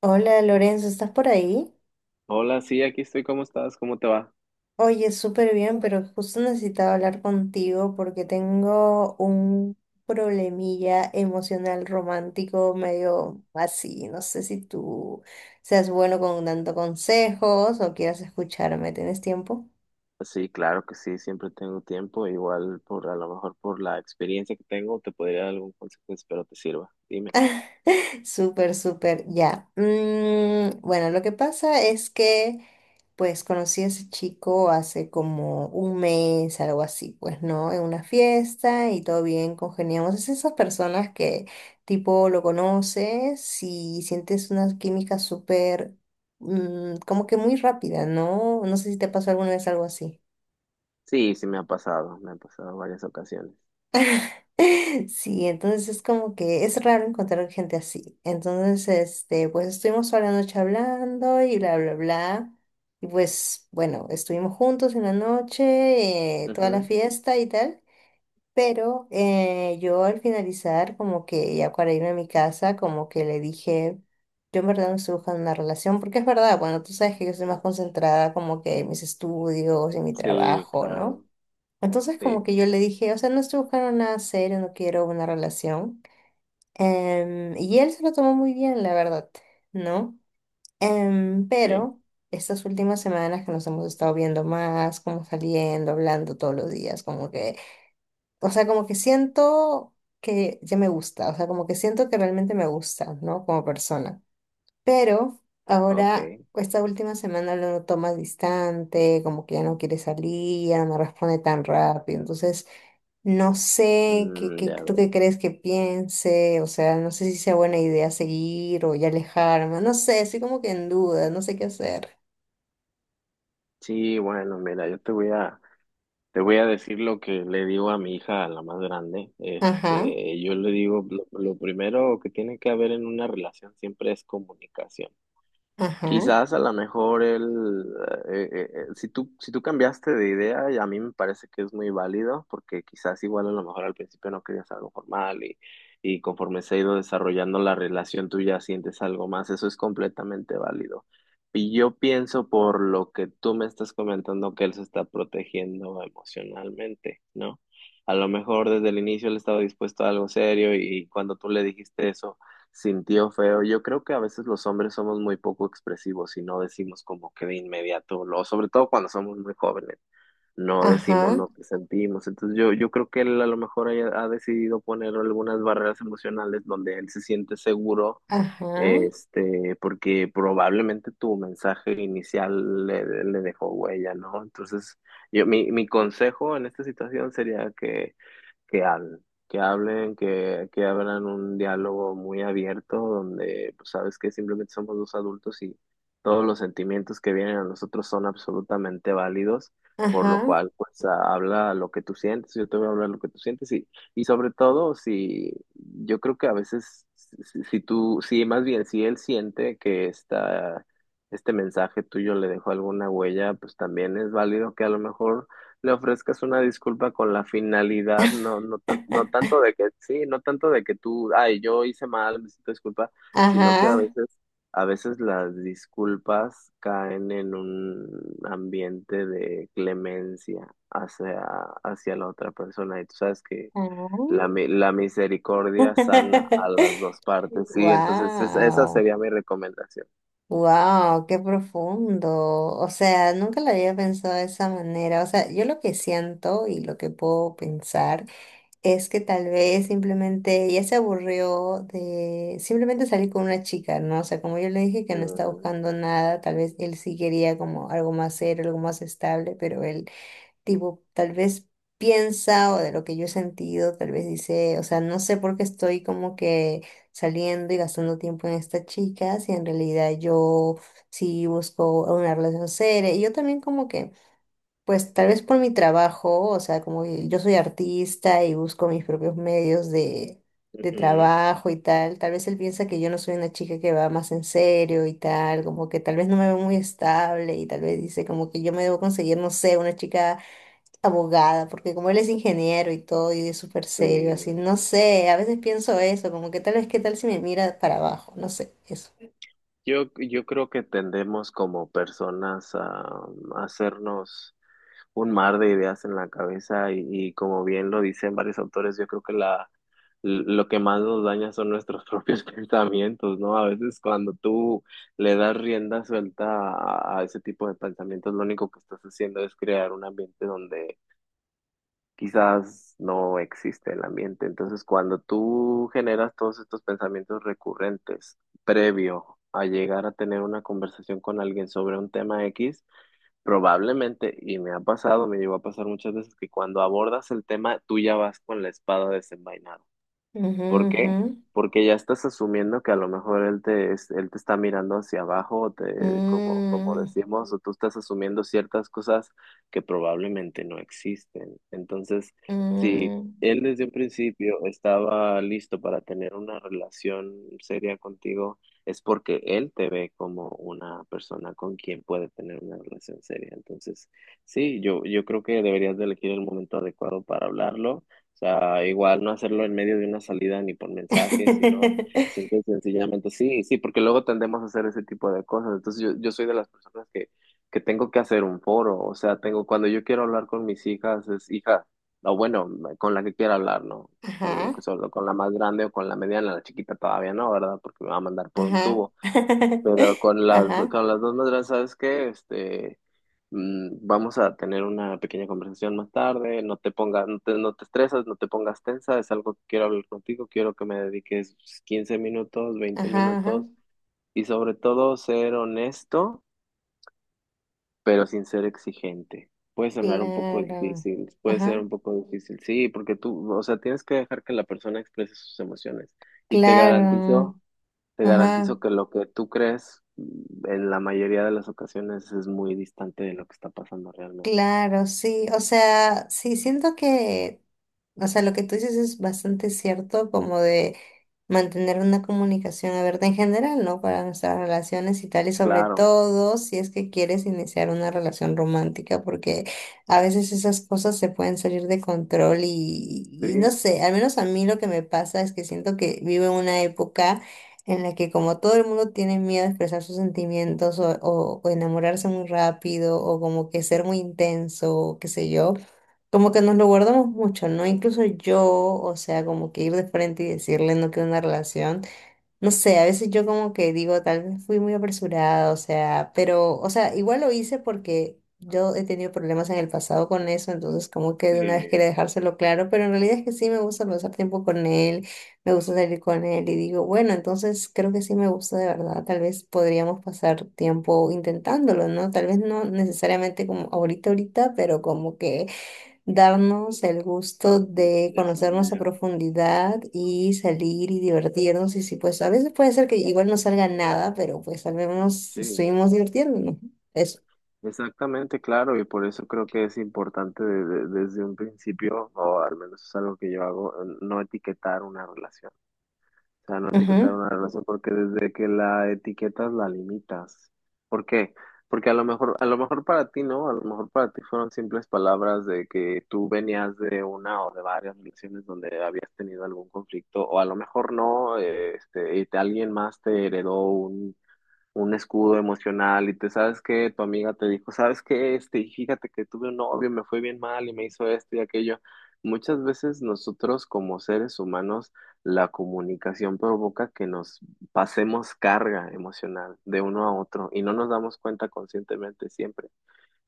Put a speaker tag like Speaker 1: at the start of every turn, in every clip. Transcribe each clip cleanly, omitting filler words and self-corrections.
Speaker 1: Hola Lorenzo, ¿estás por ahí?
Speaker 2: Hola, sí, aquí estoy. ¿Cómo estás? ¿Cómo te va?
Speaker 1: Oye, súper bien, pero justo necesitaba hablar contigo porque tengo un problemilla emocional romántico medio así. No sé si tú seas bueno con dando consejos o quieras escucharme. ¿Tienes tiempo?
Speaker 2: Sí, claro que sí, siempre tengo tiempo, igual por a lo mejor por la experiencia que tengo te podría dar algún consejo, espero te sirva. Dime.
Speaker 1: Súper, súper, ya. Bueno, lo que pasa es que, pues, conocí a ese chico hace como un mes, algo así, pues, ¿no? En una fiesta y todo bien, congeniamos. Es esas personas que, tipo, lo conoces y sientes una química súper, como que muy rápida, ¿no? No sé si te pasó alguna vez algo así.
Speaker 2: Sí, sí me ha pasado varias ocasiones.
Speaker 1: Sí, entonces es como que es raro encontrar gente así. Entonces, este, pues estuvimos toda la noche hablando y bla, bla, bla. Y pues, bueno, estuvimos juntos en la noche, toda la
Speaker 2: Ujú.
Speaker 1: fiesta y tal. Pero yo al finalizar, como que ya para irme a mi casa, como que le dije, yo en verdad no estoy buscando una relación, porque es verdad, bueno, tú sabes que yo soy más concentrada como que en mis estudios, en mi
Speaker 2: Sí,
Speaker 1: trabajo, ¿no?
Speaker 2: claro.
Speaker 1: Entonces
Speaker 2: Sí,
Speaker 1: como que yo le dije, o sea, no estoy buscando nada serio, no quiero una relación. Y él se lo tomó muy bien, la verdad, ¿no?
Speaker 2: sí.
Speaker 1: Pero estas últimas semanas que nos hemos estado viendo más, como saliendo, hablando todos los días, como que, o sea, como que siento que ya me gusta, o sea, como que siento que realmente me gusta, ¿no? Como persona. Pero ahora,
Speaker 2: Ok.
Speaker 1: esta última semana lo noto más distante, como que ya no quiere salir, ya no me responde tan rápido, entonces... No sé, ¿qué, qué-
Speaker 2: Ya
Speaker 1: tú qué
Speaker 2: veo.
Speaker 1: crees que piense? O sea, no sé si sea buena idea seguir o ya alejarme. No sé, estoy como que en duda, no sé qué hacer.
Speaker 2: Sí, bueno, mira, yo te voy a decir lo que le digo a mi hija, a la más grande.
Speaker 1: Ajá,
Speaker 2: Este, yo le digo lo primero que tiene que haber en una relación siempre es comunicación.
Speaker 1: ajá,
Speaker 2: Quizás a lo mejor el, si si tú cambiaste de idea, y a mí me parece que es muy válido, porque quizás igual a lo mejor al principio no querías algo formal y conforme se ha ido desarrollando la relación tú ya sientes algo más, eso es completamente válido. Y yo pienso por lo que tú me estás comentando que él se está protegiendo emocionalmente, ¿no? A lo mejor desde el inicio él estaba dispuesto a algo serio y cuando tú le dijiste eso, sintió feo. Yo creo que a veces los hombres somos muy poco expresivos y no decimos como que de inmediato, lo, sobre todo cuando somos muy jóvenes, no decimos
Speaker 1: ajá,
Speaker 2: lo que sentimos. Entonces yo creo que él a lo mejor ha decidido poner algunas barreras emocionales donde él se siente seguro,
Speaker 1: ajá,
Speaker 2: este, porque probablemente tu mensaje inicial le dejó huella, ¿no? Entonces mi consejo en esta situación sería que que hablen, que hablen, que abran un diálogo muy abierto donde, pues, sabes que simplemente somos dos adultos y todos los sentimientos que vienen a nosotros son absolutamente válidos, por lo
Speaker 1: ajá,
Speaker 2: cual, pues, habla lo que tú sientes, yo te voy a hablar lo que tú sientes y sobre todo, si yo creo que a veces, si tú, si más bien, si él siente que está... Este mensaje tuyo le dejó alguna huella, pues también es válido que a lo mejor le ofrezcas una disculpa con la finalidad, no tanto de que, sí, no tanto de que tú, ay, yo hice mal, necesito disculpa, sino que
Speaker 1: ajá,
Speaker 2: a veces las disculpas caen en un ambiente de clemencia hacia la otra persona, y tú sabes que
Speaker 1: ajá.
Speaker 2: la misericordia sana a las dos partes, sí, entonces esa
Speaker 1: Wow,
Speaker 2: sería mi recomendación.
Speaker 1: wow, qué profundo. O sea, nunca lo había pensado de esa manera. O sea, yo lo que siento y lo que puedo pensar. Es que tal vez simplemente ella se aburrió de simplemente salir con una chica, ¿no? O sea, como yo le dije que no está
Speaker 2: Mm,
Speaker 1: buscando nada, tal vez él sí quería como algo más serio, algo más estable, pero él, tipo, tal vez piensa o de lo que yo he sentido, tal vez dice, o sea, no sé por qué estoy como que saliendo y gastando tiempo en esta chica, si en realidad yo sí busco una relación seria. Y yo también como que pues tal vez por mi trabajo, o sea, como que yo soy artista y busco mis propios medios de
Speaker 2: ujú,
Speaker 1: trabajo y tal, tal vez él piensa que yo no soy una chica que va más en serio y tal, como que tal vez no me veo muy estable y tal vez dice como que yo me debo conseguir, no sé, una chica abogada, porque como él es ingeniero y todo y es súper serio, así,
Speaker 2: sí.
Speaker 1: no sé, a veces pienso eso, como que tal vez qué tal si me mira para abajo, no sé, eso.
Speaker 2: Yo creo que tendemos como personas a hacernos un mar de ideas en la cabeza y como bien lo dicen varios autores, yo creo que lo que más nos daña son nuestros propios pensamientos, ¿no? A veces cuando tú le das rienda suelta a ese tipo de pensamientos, lo único que estás haciendo es crear un ambiente donde quizás no existe el ambiente. Entonces, cuando tú generas todos estos pensamientos recurrentes previo a llegar a tener una conversación con alguien sobre un tema X, probablemente, y me ha pasado, me llegó a pasar muchas veces, que cuando abordas el tema, tú ya vas con la espada desenvainada. ¿Por qué?
Speaker 1: Ujú,
Speaker 2: Porque ya estás asumiendo que a lo mejor él él te está mirando hacia abajo, o
Speaker 1: ujú.
Speaker 2: te, como, como decimos, o tú estás asumiendo ciertas cosas que probablemente no existen. Entonces, si
Speaker 1: Mm.
Speaker 2: él desde un principio estaba listo para tener una relación seria contigo, es porque él te ve como una persona con quien puede tener una relación seria. Entonces, sí, yo creo que deberías de elegir el momento adecuado para hablarlo. O sea, igual no hacerlo en medio de una salida ni por mensaje, sino simple y sencillamente sí, sí, porque luego tendemos a hacer ese tipo de cosas. Entonces yo soy de las personas que tengo que hacer un foro, o sea, tengo, cuando yo quiero hablar con mis hijas, es hija, o bueno, con la que quiera hablar, ¿no? La
Speaker 1: Ajá.
Speaker 2: con la más grande o con la mediana, la chiquita todavía no, ¿verdad? Porque me va a mandar por un
Speaker 1: Ajá.
Speaker 2: tubo. Pero
Speaker 1: Ajá,
Speaker 2: con las dos maderas, ¿sabes qué? Este, vamos a tener una pequeña conversación más tarde, no te pongas, no te estresas, no te pongas tensa, es algo que quiero hablar contigo, quiero que me dediques 15 minutos, veinte
Speaker 1: ajá, ajá.
Speaker 2: minutos y sobre todo ser honesto, pero sin ser exigente. Puede sonar un poco
Speaker 1: Claro.
Speaker 2: difícil, puede ser
Speaker 1: Ajá,
Speaker 2: un poco difícil, sí, porque tú, o sea, tienes que dejar que la persona exprese sus emociones y
Speaker 1: claro.
Speaker 2: te
Speaker 1: Ajá,
Speaker 2: garantizo que lo que tú crees en la mayoría de las ocasiones es muy distante de lo que está pasando realmente.
Speaker 1: claro, sí. O sea, sí, siento que. O sea, lo que tú dices es bastante cierto, como de mantener una comunicación abierta en general, ¿no? Para nuestras relaciones y tal, y sobre
Speaker 2: Claro,
Speaker 1: todo si es que quieres iniciar una relación romántica, porque a veces esas cosas se pueden salir de control y no
Speaker 2: sí,
Speaker 1: sé, al menos a mí lo que me pasa es que siento que vivo en una época en la que como todo el mundo tiene miedo a expresar sus sentimientos o, o enamorarse muy rápido o como que ser muy intenso, o qué sé yo. Como que nos lo guardamos mucho, ¿no? Incluso yo, o sea, como que ir de frente y decirle no quiero una relación. No sé, a veces yo como que digo, tal vez fui muy apresurada, o sea, pero, o sea, igual lo hice porque yo he tenido problemas en el pasado con eso, entonces como que de una vez
Speaker 2: de-
Speaker 1: quería dejárselo claro, pero en realidad es que sí me gusta pasar tiempo con él, me gusta salir con él y digo, bueno, entonces creo que sí me gusta de verdad, tal vez podríamos pasar tiempo intentándolo, ¿no? Tal vez no necesariamente como ahorita, ahorita, pero como que darnos el gusto de conocernos a
Speaker 2: desarrollar.
Speaker 1: profundidad y salir y divertirnos. Y si pues a veces puede ser que igual no salga nada, pero pues al menos
Speaker 2: Sí,
Speaker 1: estuvimos divirtiéndonos. Eso.
Speaker 2: exactamente, claro, y por eso creo que es importante desde un principio, o al menos es algo que yo hago, no etiquetar una relación. O sea, no etiquetar
Speaker 1: Ujú.
Speaker 2: una relación porque desde que la etiquetas la limitas. ¿Por qué? Porque a lo mejor para ti no, a lo mejor para ti fueron simples palabras de que tú venías de una o de varias relaciones donde habías tenido algún conflicto, o a lo mejor no, este, y alguien más te heredó un escudo emocional y te sabes que tu amiga te dijo, sabes que este, y fíjate que tuve un novio, me fue bien mal y me hizo esto y aquello. Muchas veces nosotros como seres humanos, la comunicación provoca que nos pasemos carga emocional de uno a otro y no nos damos cuenta conscientemente siempre.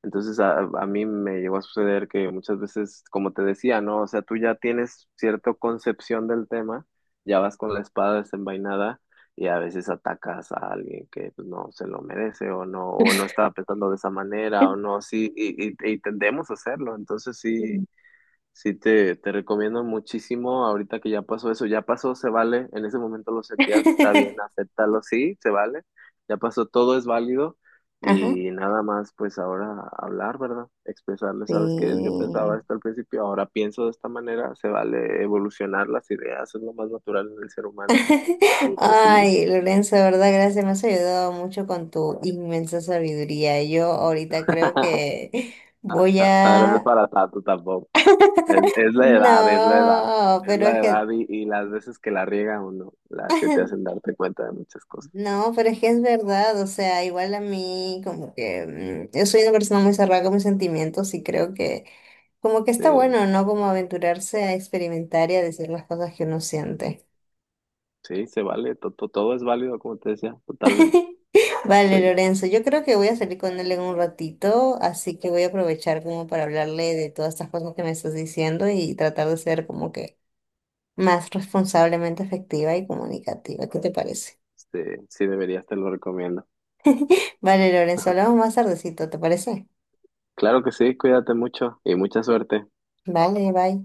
Speaker 2: Entonces a mí me llegó a suceder que muchas veces, como te decía, ¿no? O sea, tú ya tienes cierta concepción del tema, ya vas con la espada desenvainada y a veces atacas a alguien que pues, no se lo merece o no estaba pensando de esa manera o no, sí, y tendemos a hacerlo. Entonces
Speaker 1: Sí.
Speaker 2: sí. Sí, te recomiendo muchísimo ahorita que ya pasó eso, ya pasó, se vale, en ese momento lo sentías, está bien, acéptalo, sí, se vale, ya pasó, todo es válido
Speaker 1: Ajá.
Speaker 2: y nada más pues ahora hablar, ¿verdad? Expresarle, ¿sabes que Yo pensaba
Speaker 1: Sí.
Speaker 2: esto al principio, ahora pienso de esta manera, se vale evolucionar las ideas, es lo más natural en el ser humano y pues sí.
Speaker 1: Ay, Lorenzo, de verdad, gracias. Me has ayudado mucho con tu inmensa sabiduría. Yo ahorita creo que
Speaker 2: hasta-
Speaker 1: voy
Speaker 2: Hasta ahora no es
Speaker 1: a...
Speaker 2: para tanto tampoco. Es la edad, es la edad.
Speaker 1: No,
Speaker 2: Es
Speaker 1: pero es
Speaker 2: la
Speaker 1: que
Speaker 2: edad y las veces que la riega uno, las que te hacen darte cuenta de muchas cosas.
Speaker 1: no, pero es que es verdad, o sea, igual a mí como que yo soy una persona muy cerrada con mis sentimientos y creo que como que está
Speaker 2: Sí,
Speaker 1: bueno, ¿no? Como aventurarse a experimentar y a decir las cosas que uno siente.
Speaker 2: sí, se vale, todo es válido, como te decía, totalmente.
Speaker 1: Vale,
Speaker 2: Sí,
Speaker 1: Lorenzo, yo creo que voy a salir con él en un ratito, así que voy a aprovechar como para hablarle de todas estas cosas que me estás diciendo y tratar de ser como que más responsablemente efectiva y comunicativa. ¿Qué te parece?
Speaker 2: este, sí deberías, te lo recomiendo.
Speaker 1: Vale, Lorenzo, hablamos más tardecito, ¿te parece?
Speaker 2: Claro que sí, cuídate mucho y mucha suerte.
Speaker 1: Vale, bye.